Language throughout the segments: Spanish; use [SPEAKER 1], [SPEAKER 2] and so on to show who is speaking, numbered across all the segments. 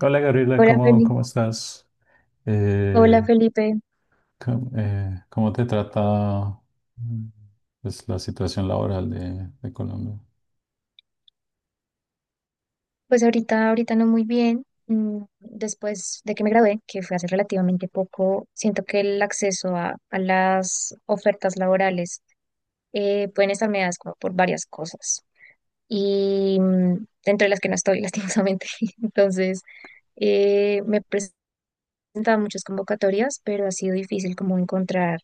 [SPEAKER 1] Hola Gabriela,
[SPEAKER 2] Hola
[SPEAKER 1] ¿cómo,
[SPEAKER 2] Felipe.
[SPEAKER 1] cómo estás?
[SPEAKER 2] Hola
[SPEAKER 1] Eh,
[SPEAKER 2] Felipe.
[SPEAKER 1] ¿cómo, cómo te trata mm, pues, la situación laboral de Colombia?
[SPEAKER 2] Pues ahorita, ahorita no muy bien. Mm, después de que me gradué, que fue hace relativamente poco, siento que el acceso a las ofertas laborales pueden estar mediadas como por varias cosas. Y dentro de las que no estoy, lastimosamente. Entonces, me he presentado a muchas convocatorias, pero ha sido difícil como encontrar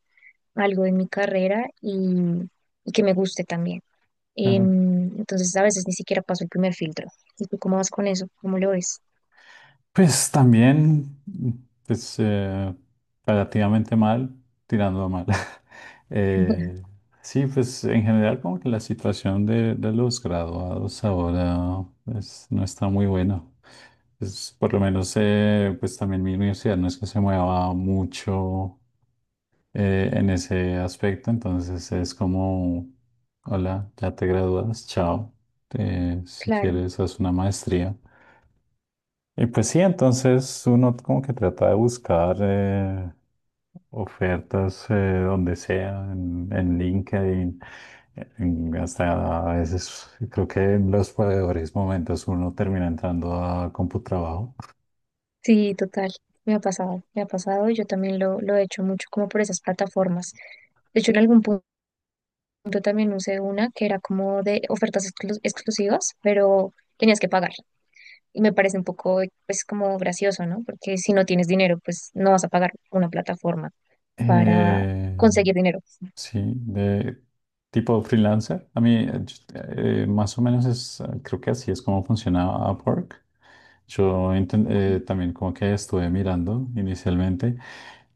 [SPEAKER 2] algo en mi carrera y que me guste también.
[SPEAKER 1] Claro.
[SPEAKER 2] Entonces a veces ni siquiera paso el primer filtro. ¿Y tú cómo vas con eso? ¿Cómo lo ves?
[SPEAKER 1] Pues también, pues relativamente mal, tirando a mal. Eh, sí, pues en general como que la situación de los graduados ahora pues, no está muy buena. Pues, por lo menos pues también mi universidad no es que se mueva mucho en ese aspecto. Entonces es como, hola, ya te gradúas, chao. Si
[SPEAKER 2] Claro,
[SPEAKER 1] quieres, haz una maestría. Y pues sí, entonces uno como que trata de buscar ofertas donde sea, en LinkedIn, hasta a veces creo que en los peores momentos uno termina entrando a CompuTrabajo.
[SPEAKER 2] sí, total. Me ha pasado y yo también lo he hecho mucho como por esas plataformas. De hecho, en algún punto también usé una que era como de ofertas exclusivas, pero tenías que pagar. Y me parece un poco, pues, como gracioso, ¿no? Porque si no tienes dinero, pues no vas a pagar una plataforma para
[SPEAKER 1] Eh,
[SPEAKER 2] conseguir dinero.
[SPEAKER 1] Sí, de tipo freelancer. A mí, más o menos es, creo que así es como funciona Upwork. También como que estuve mirando inicialmente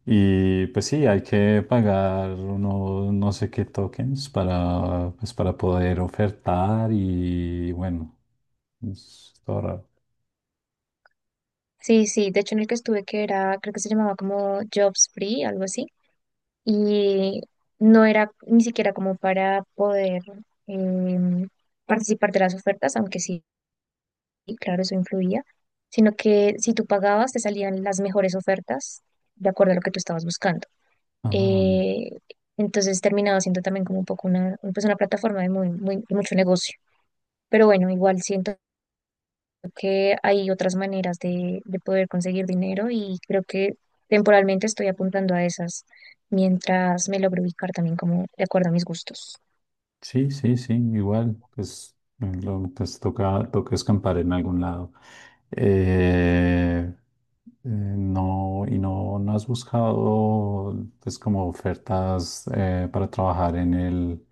[SPEAKER 1] y pues sí, hay que pagar uno, no sé qué tokens para, pues para poder ofertar y bueno, es todo raro.
[SPEAKER 2] Sí, sí, de hecho en el que estuve que era, creo que se llamaba como Jobs Free, algo así, y no era ni siquiera como para poder em, participar de las ofertas, aunque sí, claro, eso influía, sino que si tú pagabas te salían las mejores ofertas de acuerdo a lo que tú estabas buscando.
[SPEAKER 1] Ah.
[SPEAKER 2] Eh, entonces terminaba siendo también como un poco una, pues una plataforma de, muy, muy, de mucho negocio. Pero bueno, igual siento que hay otras maneras de poder conseguir dinero y creo que temporalmente estoy apuntando a esas mientras me logro ubicar también como de acuerdo a mis gustos.
[SPEAKER 1] Sí, sí, sí, igual, pues, pues toca escampar en algún lado. Eh, no, y no has buscado, pues, como ofertas para trabajar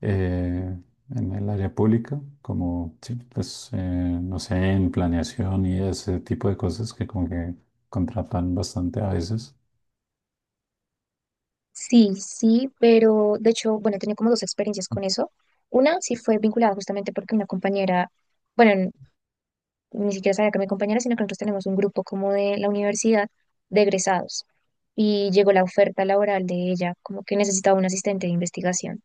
[SPEAKER 1] eh, en el área pública, como, sí, pues, no sé, en planeación y ese tipo de cosas que como que contratan bastante a veces.
[SPEAKER 2] Sí, sí, pero de hecho, bueno, he tenido como dos experiencias con eso. Una sí fue vinculada justamente porque una compañera, bueno, ni siquiera sabía que mi compañera, sino que nosotros tenemos un grupo como de la universidad de egresados y llegó la oferta laboral de ella, como que necesitaba un asistente de investigación.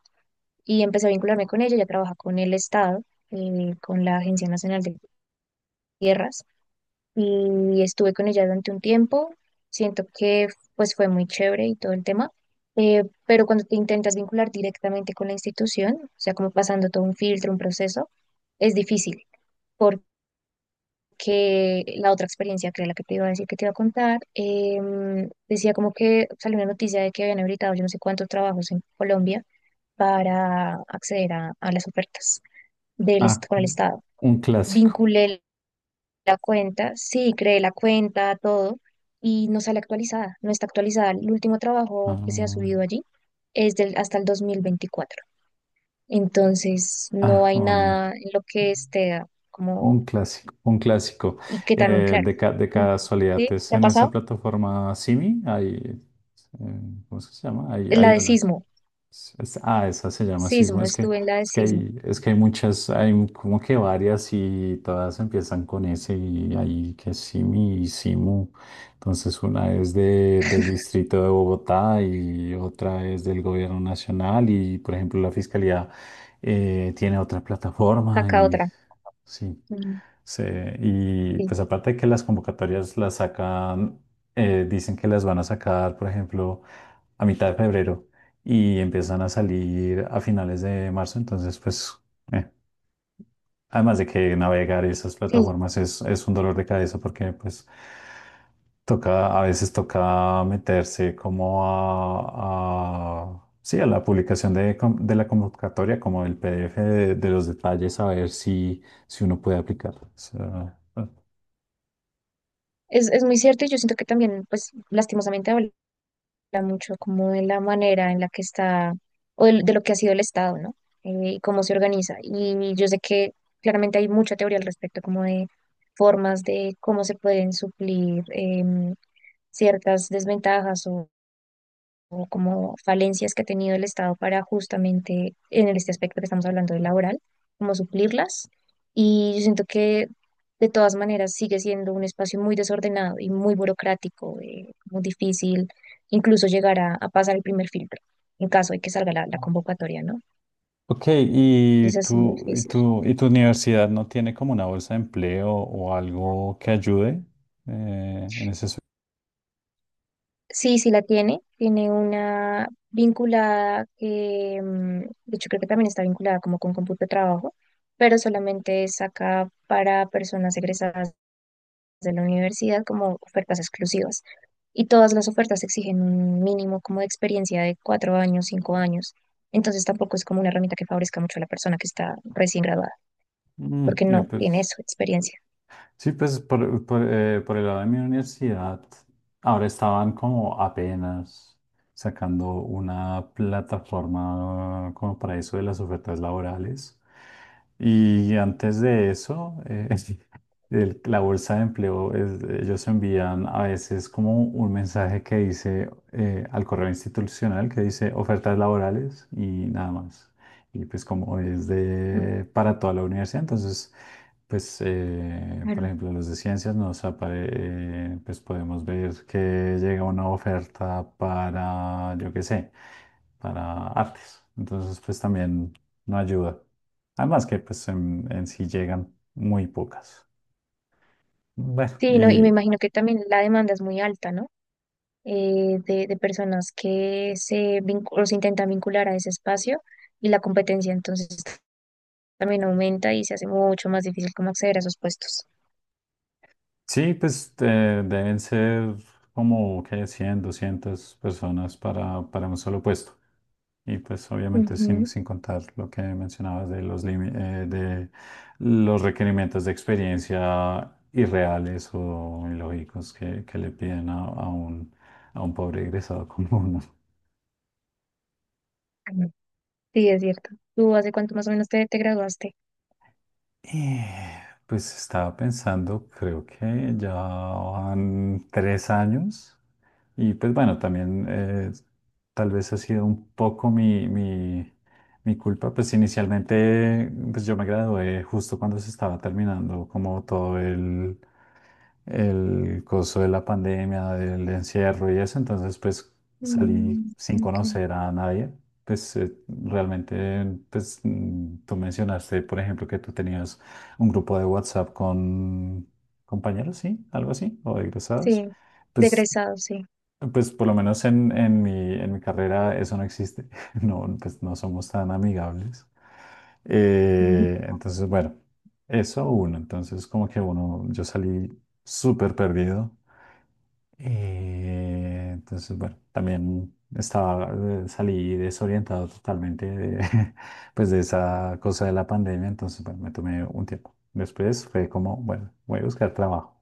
[SPEAKER 2] Y empecé a vincularme con ella. Ya trabaja con el Estado, con la Agencia Nacional de Tierras y estuve con ella durante un tiempo. Siento que pues fue muy chévere y todo el tema, pero cuando te intentas vincular directamente con la institución, o sea, como pasando todo un filtro, un proceso, es difícil porque la otra experiencia, que era la que te iba a decir que te iba a contar, decía como que salió una noticia de que habían habilitado yo no sé cuántos trabajos en Colombia para acceder a las ofertas.
[SPEAKER 1] Ah,
[SPEAKER 2] Con el Estado.
[SPEAKER 1] un clásico.
[SPEAKER 2] Vinculé la cuenta, sí, creé la cuenta, todo, y no sale actualizada, no está actualizada. El último trabajo que se ha subido allí es del, hasta el 2024. Entonces, no
[SPEAKER 1] Ah, ah,
[SPEAKER 2] hay
[SPEAKER 1] un-
[SPEAKER 2] nada en lo que esté como,
[SPEAKER 1] Un clásico, un clásico.
[SPEAKER 2] y que también, claro,
[SPEAKER 1] De
[SPEAKER 2] mm,
[SPEAKER 1] casualidad,
[SPEAKER 2] ¿sí?
[SPEAKER 1] es
[SPEAKER 2] ¿Te ha
[SPEAKER 1] en esa
[SPEAKER 2] pasado?
[SPEAKER 1] plataforma Simi, hay, ¿cómo es que se llama? Hay,
[SPEAKER 2] La
[SPEAKER 1] hay
[SPEAKER 2] de
[SPEAKER 1] unas.
[SPEAKER 2] sismo,
[SPEAKER 1] Ah, esa se llama Sismo.
[SPEAKER 2] sismo, estuve en la de
[SPEAKER 1] Es que
[SPEAKER 2] sismo,
[SPEAKER 1] hay, es que hay muchas, hay como que varias y todas empiezan con ese y hay que Simi y Simu. Entonces una es de, del distrito de Bogotá y otra es del gobierno nacional y por ejemplo la fiscalía tiene otra plataforma
[SPEAKER 2] acá
[SPEAKER 1] y
[SPEAKER 2] otra.
[SPEAKER 1] sí.
[SPEAKER 2] Mm,
[SPEAKER 1] Sí, y
[SPEAKER 2] sí,
[SPEAKER 1] pues aparte de que las convocatorias las sacan, dicen que las van a sacar, por ejemplo, a mitad de febrero y empiezan a salir a finales de marzo, entonces pues, eh, además de que navegar esas
[SPEAKER 2] sí,
[SPEAKER 1] plataformas es un dolor de cabeza porque pues toca, a veces toca meterse como sí, a la publicación de la convocatoria, como el PDF de los detalles, a ver si, si uno puede aplicar. O sea, bueno.
[SPEAKER 2] es muy cierto y yo siento que también, pues, lastimosamente habla mucho como de la manera en la que está, o de lo que ha sido el Estado, ¿no? Y cómo se organiza. Y yo sé que claramente hay mucha teoría al respecto, como de formas de cómo se pueden suplir ciertas desventajas o como falencias que ha tenido el Estado para justamente en este aspecto que estamos hablando de laboral, como suplirlas. Y yo siento que de todas maneras sigue siendo un espacio muy desordenado y muy burocrático, muy difícil incluso llegar a pasar el primer filtro en caso de que salga la convocatoria, ¿no?
[SPEAKER 1] Ok,
[SPEAKER 2] Es
[SPEAKER 1] ¿y
[SPEAKER 2] así de
[SPEAKER 1] tu, y
[SPEAKER 2] difícil.
[SPEAKER 1] tu, y tu universidad no tiene como una bolsa de empleo o algo que ayude en ese aspecto?
[SPEAKER 2] Sí, sí la tiene. Tiene una vinculada que, mm, de hecho, creo que también está vinculada como con cómputo de trabajo, pero solamente es acá para personas egresadas de la universidad como ofertas exclusivas. Y todas las ofertas exigen un mínimo como de experiencia de 4 años, 5 años. Entonces tampoco es como una herramienta que favorezca mucho a la persona que está recién graduada,
[SPEAKER 1] Mm,
[SPEAKER 2] porque
[SPEAKER 1] eh,
[SPEAKER 2] no tiene
[SPEAKER 1] pues,
[SPEAKER 2] eso, experiencia.
[SPEAKER 1] Sí, pues por el lado de mi universidad, ahora estaban como apenas sacando una plataforma como para eso de las ofertas laborales. Y antes de eso, la bolsa de empleo, ellos envían a veces como un mensaje que dice al correo institucional que dice ofertas laborales y nada más. Y pues como es
[SPEAKER 2] Mm,
[SPEAKER 1] de para toda la universidad, entonces… Pues, por
[SPEAKER 2] claro.
[SPEAKER 1] ejemplo, los de ciencias pues podemos ver que llega una oferta para, yo qué sé, para artes. Entonces, pues también no ayuda. Además que, pues, en sí llegan muy pocas. Bueno,
[SPEAKER 2] Sí, no, y me
[SPEAKER 1] y
[SPEAKER 2] imagino que también la demanda es muy alta, ¿no? De personas que se, o se intentan vincular a ese espacio y la competencia entonces también aumenta y se hace mucho más difícil como acceder a esos puestos.
[SPEAKER 1] sí, pues deben ser como, ¿qué? Cien, 200 personas para un solo puesto. Y pues obviamente sin,
[SPEAKER 2] Ujú.
[SPEAKER 1] sin contar lo que mencionabas de los, de los requerimientos de experiencia irreales o ilógicos que le piden a un pobre egresado común.
[SPEAKER 2] Sí, es cierto. ¿Tú hace cuánto más o menos te, te graduaste?
[SPEAKER 1] Pues estaba pensando, creo que ya van tres años y pues bueno, también tal vez ha sido un poco mi culpa, pues inicialmente pues yo me gradué justo cuando se estaba terminando como todo el coso de la pandemia, del encierro y eso, entonces pues salí
[SPEAKER 2] Mm,
[SPEAKER 1] sin
[SPEAKER 2] ok.
[SPEAKER 1] conocer a nadie. Pues realmente, pues tú mencionaste, por ejemplo, que tú tenías un grupo de WhatsApp con compañeros, ¿sí? Algo así, o egresados.
[SPEAKER 2] Sí, de
[SPEAKER 1] Pues,
[SPEAKER 2] egresado, sí.
[SPEAKER 1] pues por lo menos en, en mi carrera eso no existe. No, pues no somos tan amigables.
[SPEAKER 2] Ujú.
[SPEAKER 1] Entonces, bueno, eso uno. Entonces, como que uno, yo salí súper perdido. Entonces, bueno, también estaba, salí desorientado totalmente de, pues de esa cosa de la pandemia, entonces, bueno, me tomé un tiempo. Después fue como, bueno, voy a buscar trabajo.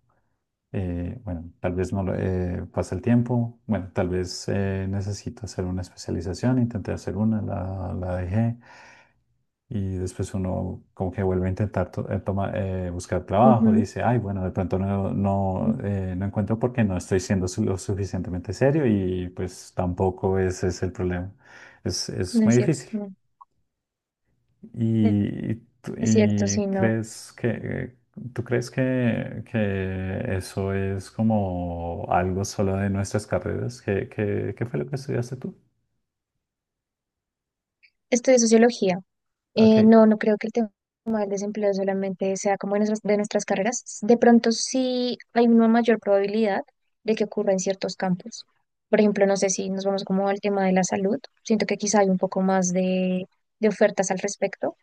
[SPEAKER 1] Bueno, tal vez no lo- pasa el tiempo, bueno, tal vez necesito hacer una especialización, intenté hacer una, la dejé. Y después uno como que vuelve a intentar buscar trabajo,
[SPEAKER 2] Ujú.
[SPEAKER 1] dice, ay, bueno, de pronto no encuentro porque no estoy siendo lo suficientemente serio y pues tampoco ese es el problema. Es
[SPEAKER 2] No
[SPEAKER 1] muy
[SPEAKER 2] es cierto,
[SPEAKER 1] difícil.
[SPEAKER 2] no.
[SPEAKER 1] ¿Y, y tú-
[SPEAKER 2] Es cierto,
[SPEAKER 1] y
[SPEAKER 2] sí, no.
[SPEAKER 1] crees que, tú crees que eso es como algo solo de nuestras carreras? ¿Qué fue lo que estudiaste tú?
[SPEAKER 2] Estudié sociología.
[SPEAKER 1] Ok.
[SPEAKER 2] No, no creo que el tema del desempleo solamente sea como de nuestras carreras. De pronto sí hay una mayor probabilidad de que ocurra en ciertos campos. Por ejemplo, no sé si nos vamos como al tema de la salud. Siento que quizá hay un poco más de ofertas al respecto,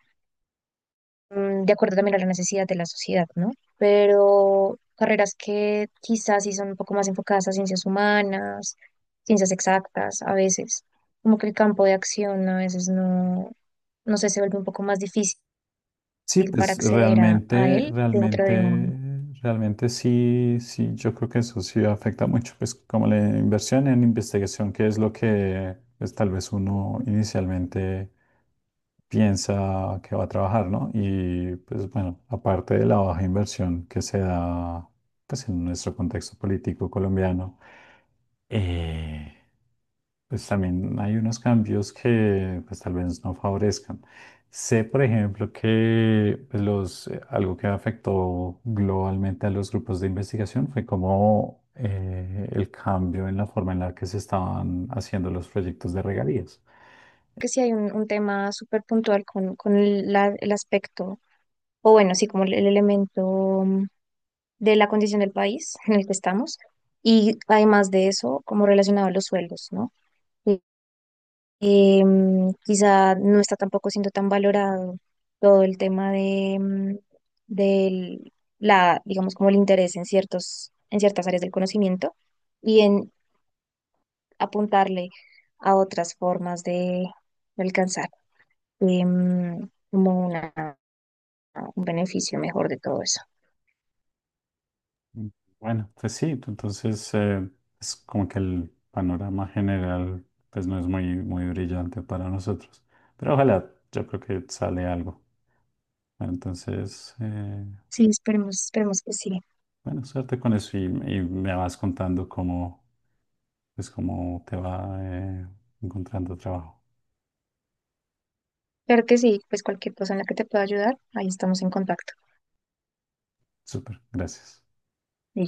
[SPEAKER 2] mm, de acuerdo también a la necesidad de la sociedad, ¿no? Pero carreras que quizás sí son un poco más enfocadas a ciencias humanas, ciencias exactas, a veces. Como que el campo de acción a veces no, no sé, se vuelve un poco más
[SPEAKER 1] Sí,
[SPEAKER 2] difícil para
[SPEAKER 1] pues
[SPEAKER 2] acceder a él dentro de un,
[SPEAKER 1] realmente sí, sí, yo creo que eso sí afecta mucho, pues como la inversión en investigación, que es lo que pues, tal vez uno
[SPEAKER 2] ¿no?
[SPEAKER 1] inicialmente piensa que va a trabajar, ¿no? Y pues bueno, aparte de la baja inversión que se da pues en nuestro contexto político colombiano, eh, pues también hay unos cambios que pues tal vez no favorezcan. Sé, por ejemplo, que pues, algo que afectó globalmente a los grupos de investigación fue como el cambio en la forma en la que se estaban haciendo los proyectos de regalías.
[SPEAKER 2] Que sí hay un tema súper puntual con el aspecto, o bueno, sí, como el elemento mm, de la condición del país en el que estamos, y además de eso, como relacionado a los sueldos, ¿no? Y- y, mm, quizá no está tampoco siendo tan valorado todo el tema de, mm, del, la, digamos, como el interés en ciertos, en ciertas áreas del conocimiento y en, apuntarle a otras formas de alcanzar como una, un beneficio mejor de todo eso.
[SPEAKER 1] Mm, Bueno, pues sí, entonces es como que el panorama general pues no es muy, muy brillante para nosotros, pero ojalá, yo creo que sale algo. Bueno, entonces…
[SPEAKER 2] Sí, esperemos, esperemos que sí.
[SPEAKER 1] Bueno, suerte con eso y me vas contando cómo, pues, cómo te va encontrando trabajo.
[SPEAKER 2] Claro que sí, pues cualquier cosa en la que te pueda ayudar, ahí estamos en contacto.
[SPEAKER 1] Súper, gracias.
[SPEAKER 2] Y